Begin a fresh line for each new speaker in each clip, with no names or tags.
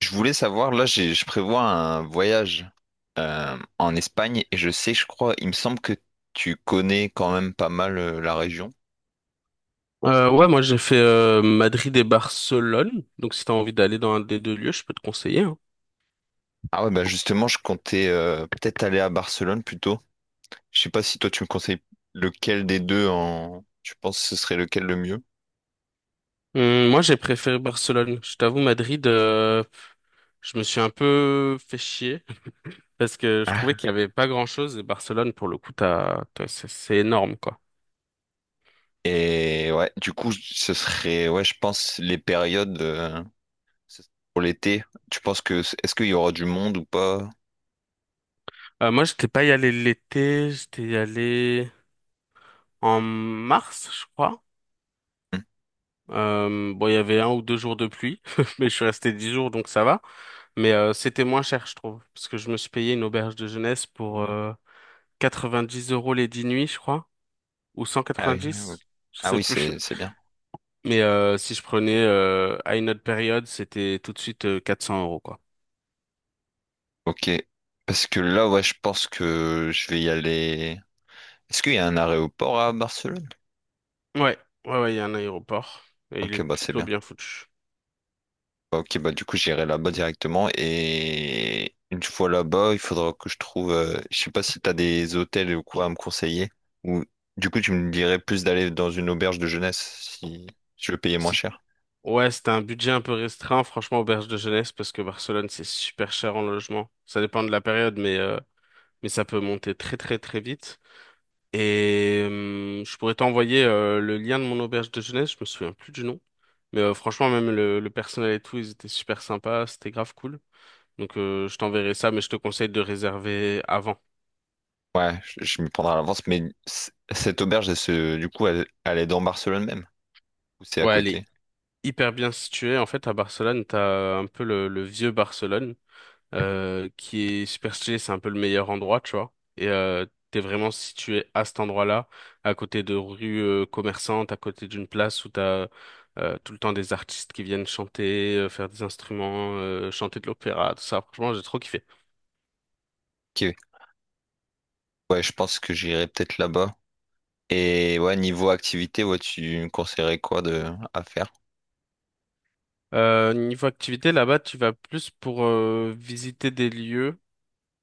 Je voulais savoir, là, je prévois un voyage en Espagne et je sais, je crois, il me semble que tu connais quand même pas mal la région.
Ouais, moi j'ai fait Madrid et Barcelone. Donc si t'as envie d'aller dans un des deux lieux, je peux te conseiller, hein.
Ah ouais, bah justement, je comptais peut-être aller à Barcelone plutôt. Je sais pas si toi tu me conseilles lequel des deux en... Tu penses que ce serait lequel le mieux?
Moi j'ai préféré Barcelone. Je t'avoue, Madrid, je me suis un peu fait chier parce que je trouvais
Ah.
qu'il y avait pas grand-chose et Barcelone, pour le coup, c'est énorme quoi.
Et ouais, du coup, ce serait, ouais, je pense les périodes pour l'été. Tu penses que, est-ce qu'il y aura du monde ou pas?
Moi j'étais pas y allé l'été, j'étais y allé en mars, je crois.
Hmm.
Bon, il y avait un ou deux jours de pluie, mais je suis resté 10 jours donc ça va. Mais c'était moins cher, je trouve, parce que je me suis payé une auberge de jeunesse pour 90 € les 10 nuits, je crois, ou
Ah oui, oui.
190, je
Ah
sais
oui,
plus.
c'est bien.
Mais si je prenais à une autre période, c'était tout de suite 400 euros, quoi.
Ok, parce que là, ouais, je pense que je vais y aller. Est-ce qu'il y a un aéroport à Barcelone?
Ouais, ouais, ouais, il y a un aéroport et il est
Ok, bah c'est
plutôt
bien.
bien foutu.
Bah, ok, bah du coup j'irai là-bas directement et une fois là-bas, il faudra que je trouve, je sais pas si t'as des hôtels ou quoi à me conseiller, ou du coup tu me dirais plus d'aller dans une auberge de jeunesse si je veux payer moins
Si...
cher.
Ouais, c'était un budget un peu restreint, franchement, auberge de jeunesse, parce que Barcelone, c'est super cher en logement. Ça dépend de la période, mais ça peut monter très, très, très vite. Et je pourrais t'envoyer le lien de mon auberge de jeunesse, je me souviens plus du nom. Mais franchement, même le personnel et tout, ils étaient super sympas, c'était grave cool. Donc je t'enverrai ça, mais je te conseille de réserver avant.
Ouais, je m'y prendrai à l'avance, mais cette auberge, du coup, elle est dans Barcelone même, ou c'est à
Ouais, elle est
côté?
hyper bien située. En fait, à Barcelone, t'as un peu le vieux Barcelone, qui est super stylé, c'est un peu le meilleur endroit, tu vois. Et t'es vraiment situé à cet endroit-là, à côté de rues commerçantes, à côté d'une place où t'as tout le temps des artistes qui viennent chanter, faire des instruments, chanter de l'opéra, tout ça. Franchement, j'ai trop kiffé.
Ok. Ouais, je pense que j'irai peut-être là-bas. Et ouais, niveau activité, ouais, tu me conseillerais quoi de à faire?
Niveau activité, là-bas, tu vas plus pour visiter des lieux.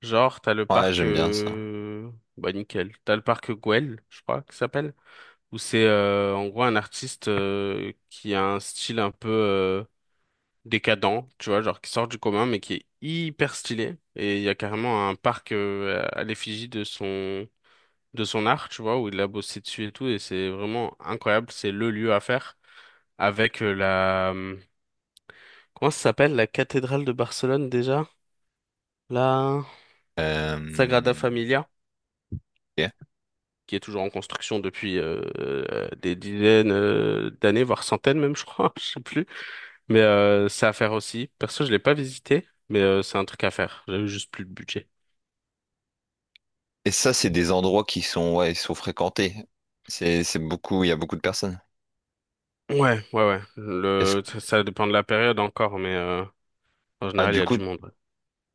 Genre, t'as le
Ouais,
parc...
j'aime bien ça.
Bah, nickel. T'as le parc Güell, je crois, qui s'appelle. Où c'est en gros un artiste qui a un style un peu décadent, tu vois, genre qui sort du commun, mais qui est hyper stylé. Et il y a carrément un parc à l'effigie de son art, tu vois, où il a bossé dessus et tout. Et c'est vraiment incroyable. C'est le lieu à faire. Avec la comment ça s'appelle la cathédrale de Barcelone déjà? La Sagrada
Euh,
Familia,
ok.
qui est toujours en construction depuis des dizaines d'années, voire centaines même, je crois, je sais plus. Mais c'est à faire aussi. Perso, je l'ai pas visité, mais c'est un truc à faire. J'avais juste plus de budget.
Et ça, c'est des endroits qui sont, ouais, ils sont fréquentés. C'est beaucoup, il y a beaucoup de personnes.
Ouais, ouais, ouais.
Est-ce,
Ça dépend de la période encore, mais en
ah,
général, il
du
y a
coup,
du monde.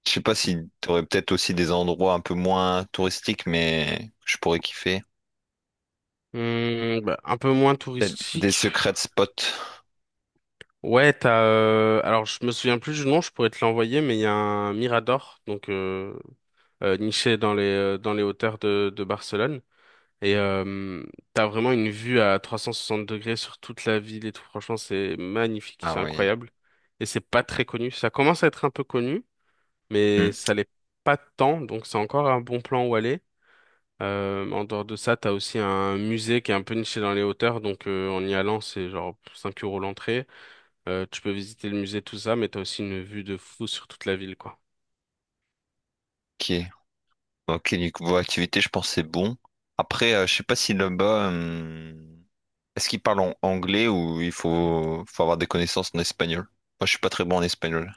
je sais pas si t'aurais peut-être aussi des endroits un peu moins touristiques, mais que je pourrais kiffer.
Ouais. Bah, un peu moins
Peut-être des
touristique.
secrets spots.
Ouais, t'as. Alors, je me souviens plus du nom, je pourrais te l'envoyer, mais il y a un Mirador, donc niché dans les hauteurs de Barcelone. Et t'as vraiment une vue à 360° sur toute la ville et tout. Franchement, c'est magnifique,
Ah
c'est
oui.
incroyable. Et c'est pas très connu. Ça commence à être un peu connu, mais
Hmm.
ça l'est pas tant. Donc c'est encore un bon plan où aller. En dehors de ça, t'as aussi un musée qui est un peu niché dans les hauteurs. Donc en y allant, c'est genre 5 € l'entrée. Tu peux visiter le musée, tout ça, mais t'as aussi une vue de fou sur toute la ville, quoi.
Ok. Ok, niveau activité, je pense que c'est bon. Après, je sais pas si là-bas, est-ce qu'ils parlent en anglais ou il faut avoir des connaissances en espagnol? Moi, je suis pas très bon en espagnol.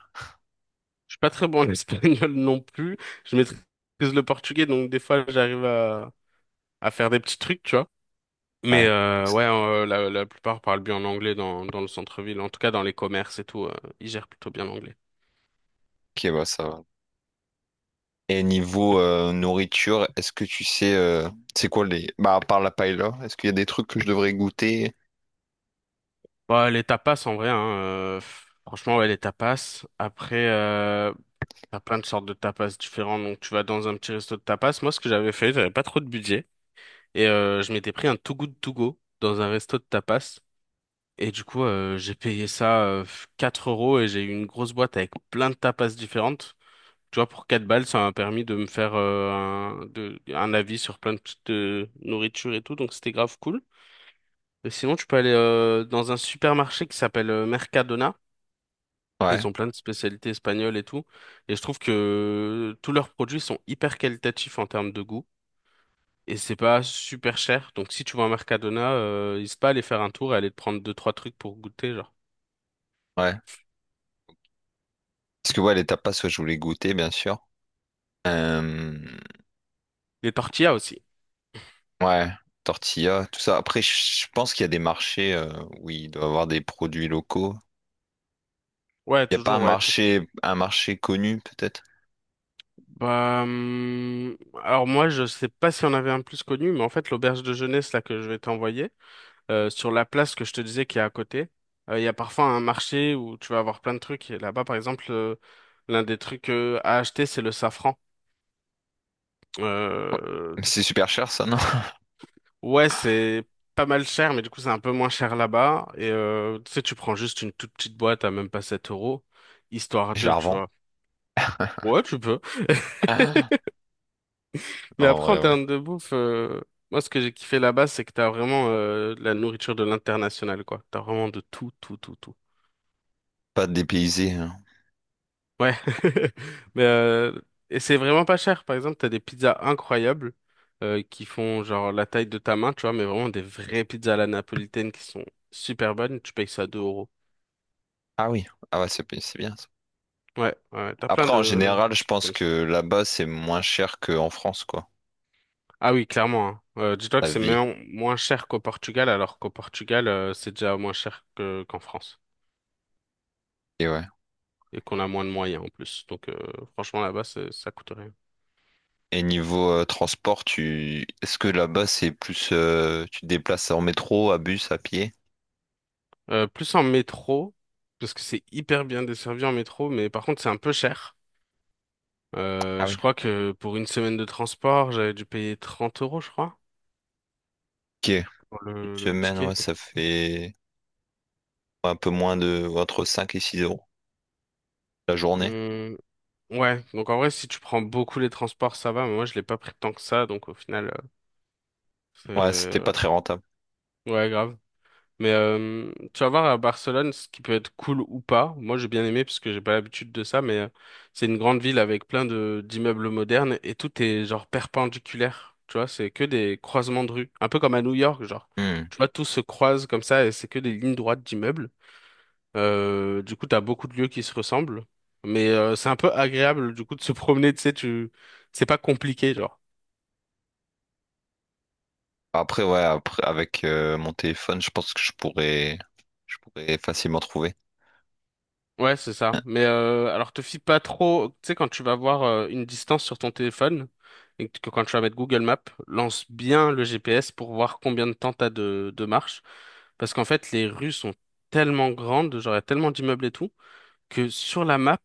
Suis pas très bon en espagnol non plus. Je maîtrise le portugais, donc des fois j'arrive à faire des petits trucs, tu vois. Mais
Ouais.
ouais, la plupart parlent bien l'anglais dans le centre-ville, en tout cas dans les commerces et tout, ils gèrent plutôt bien l'anglais.
Ok, bah ça va. Et niveau nourriture, est-ce que tu sais, c'est quoi les... Bah, à part la paella, est-ce qu'il y a des trucs que je devrais goûter?
Bah, les tapas en vrai, hein, franchement ouais les tapas. Après, t'as plein de sortes de tapas différents, donc tu vas dans un petit resto de tapas. Moi ce que j'avais fait, j'avais pas trop de budget et je m'étais pris un Too Good To Go dans un resto de tapas. Et du coup, j'ai payé ça 4 € et j'ai eu une grosse boîte avec plein de tapas différentes. Tu vois, pour 4 balles, ça m'a permis de me faire un avis sur plein de petites nourritures et tout, donc c'était grave cool. Et sinon, tu peux aller dans un supermarché qui s'appelle Mercadona.
Ouais,
Ils ont plein de spécialités espagnoles et tout. Et je trouve que tous leurs produits sont hyper qualitatifs en termes de goût. Et c'est pas super cher. Donc si tu vas à Mercadona, n'hésite pas à aller faire un tour et aller te prendre deux trois trucs pour goûter, genre.
ouais. Parce que ouais, les tapas, ouais, je voulais goûter, bien sûr. Euh,
Des tortillas aussi.
ouais, tortilla, tout ça. Après, je pense qu'il y a des marchés où il doit y avoir des produits locaux.
Ouais,
Il n'y a pas un
toujours, ouais.
marché, un marché connu, peut-être?
Bah, alors moi, je sais pas si on avait un plus connu, mais en fait, l'auberge de jeunesse là que je vais t'envoyer, sur la place que je te disais qui est à côté, il y a parfois un marché où tu vas avoir plein de trucs. Et là-bas, par exemple, l'un des trucs à acheter, c'est le safran. Euh,
Mais c'est super cher, ça, non?
ouais, c'est pas mal cher, mais du coup, c'est un peu moins cher là-bas. Et tu sais, tu prends juste une toute petite boîte à même pas 7 euros, histoire
Je
de,
la
tu
revends.
vois. Ouais, tu peux.
Ah. Non,
Mais
en
après,
vrai,
en
ouais.
termes de bouffe, moi, ce que j'ai kiffé là-bas, c'est que t'as vraiment la nourriture de l'international, quoi. T'as vraiment de tout, tout, tout, tout.
Pas dépaysé, hein.
Ouais. Mais, et c'est vraiment pas cher. Par exemple, t'as des pizzas incroyables qui font genre la taille de ta main, tu vois, mais vraiment des vraies pizzas à la napolitaine qui sont super bonnes. Tu payes ça 2 euros.
Ah oui. Ah ouais, c'est bien, ça.
Ouais, ouais. T'as plein
Après, en
de
général, je
trucs
pense
comme ça.
que là-bas, c'est moins cher qu'en France, quoi.
Ah oui, clairement, hein. Dis-toi que
La
c'est
vie.
même moins cher qu'au Portugal, alors qu'au Portugal, c'est déjà moins cher que qu'en France.
Et ouais.
Et qu'on a moins de moyens en plus. Donc franchement là-bas ça coûte rien.
Et niveau transport, tu... est-ce que là-bas, c'est plus... tu te déplaces en métro, à bus, à pied?
Plus en métro parce que c'est hyper bien desservi en métro, mais par contre c'est un peu cher.
Ah oui.
Je crois que pour une semaine de transport j'avais dû payer 30 € je crois
Ok.
pour
Une
le
semaine,
ticket.
ouais,
Donc,
ça fait... un peu moins de entre 5 et 6 euros la journée.
hum, ouais donc en vrai si tu prends beaucoup les transports ça va, mais moi je l'ai pas pris tant que ça donc au final
Ouais, c'était pas
euh,
très rentable.
c'est ouais grave. Mais tu vas voir à Barcelone ce qui peut être cool ou pas. Moi, j'ai bien aimé parce que j'ai pas l'habitude de ça, mais c'est une grande ville avec plein de d'immeubles modernes et tout est genre perpendiculaire. Tu vois, c'est que des croisements de rues, un peu comme à New York, genre.
Hmm.
Tu vois, tout se croise comme ça et c'est que des lignes droites d'immeubles. Du coup, t'as beaucoup de lieux qui se ressemblent, mais c'est un peu agréable du coup de se promener. Tu sais, tu c'est pas compliqué, genre.
Après, ouais, après, avec mon téléphone, je pense que je pourrais facilement trouver.
Ouais, c'est ça. Mais alors te fie pas trop, tu sais, quand tu vas voir une distance sur ton téléphone et que quand tu vas mettre Google Maps, lance bien le GPS pour voir combien de temps t'as de marche. Parce qu'en fait, les rues sont tellement grandes, genre il y a tellement d'immeubles et tout, que sur la map,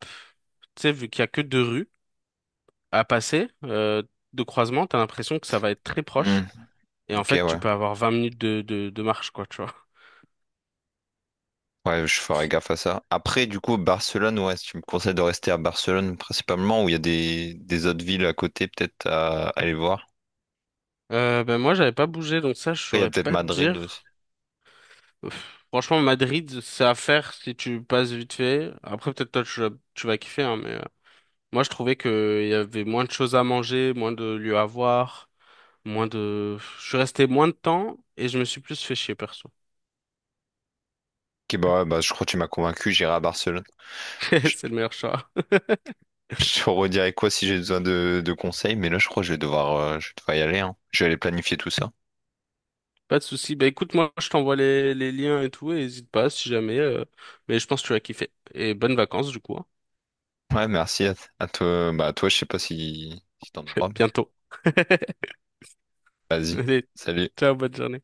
tu sais, vu qu'il y a que deux rues à passer de croisement, t'as l'impression que ça va être très
Hmm.
proche. Et en
Ok,
fait, tu
ouais.
peux avoir 20 minutes de marche, quoi, tu vois.
Ouais, je ferai gaffe à ça. Après, du coup, Barcelone, ouais, si tu me conseilles de rester à Barcelone principalement, ou il y a des autres villes à côté peut-être à aller voir.
Ben moi, j'avais pas bougé, donc ça, je
Après, il y a
saurais
peut-être
pas te
Madrid aussi.
dire. Pff, franchement, Madrid, c'est à faire si tu passes vite fait. Après, peut-être toi, tu vas kiffer, hein, mais moi, je trouvais que il y avait moins de choses à manger, moins de lieux à voir, moins de... Je suis resté moins de temps et je me suis plus fait chier, perso.
Ok, bah, ouais, bah je crois que tu m'as convaincu, j'irai à Barcelone. Je,
C'est le meilleur choix.
je te redirai quoi si j'ai besoin de conseils, mais là, je crois que je vais devoir y aller, hein. Je vais aller planifier tout ça.
Pas de souci. Bah écoute, moi, je t'envoie les liens et tout, et n'hésite pas si jamais. Mais je pense que tu vas kiffer. Et bonnes vacances, du coup, hein.
Ouais, à toi. Bah, à toi, je sais pas si t'en auras, mais
Bientôt.
vas-y.
Allez,
Salut.
ciao, bonne journée.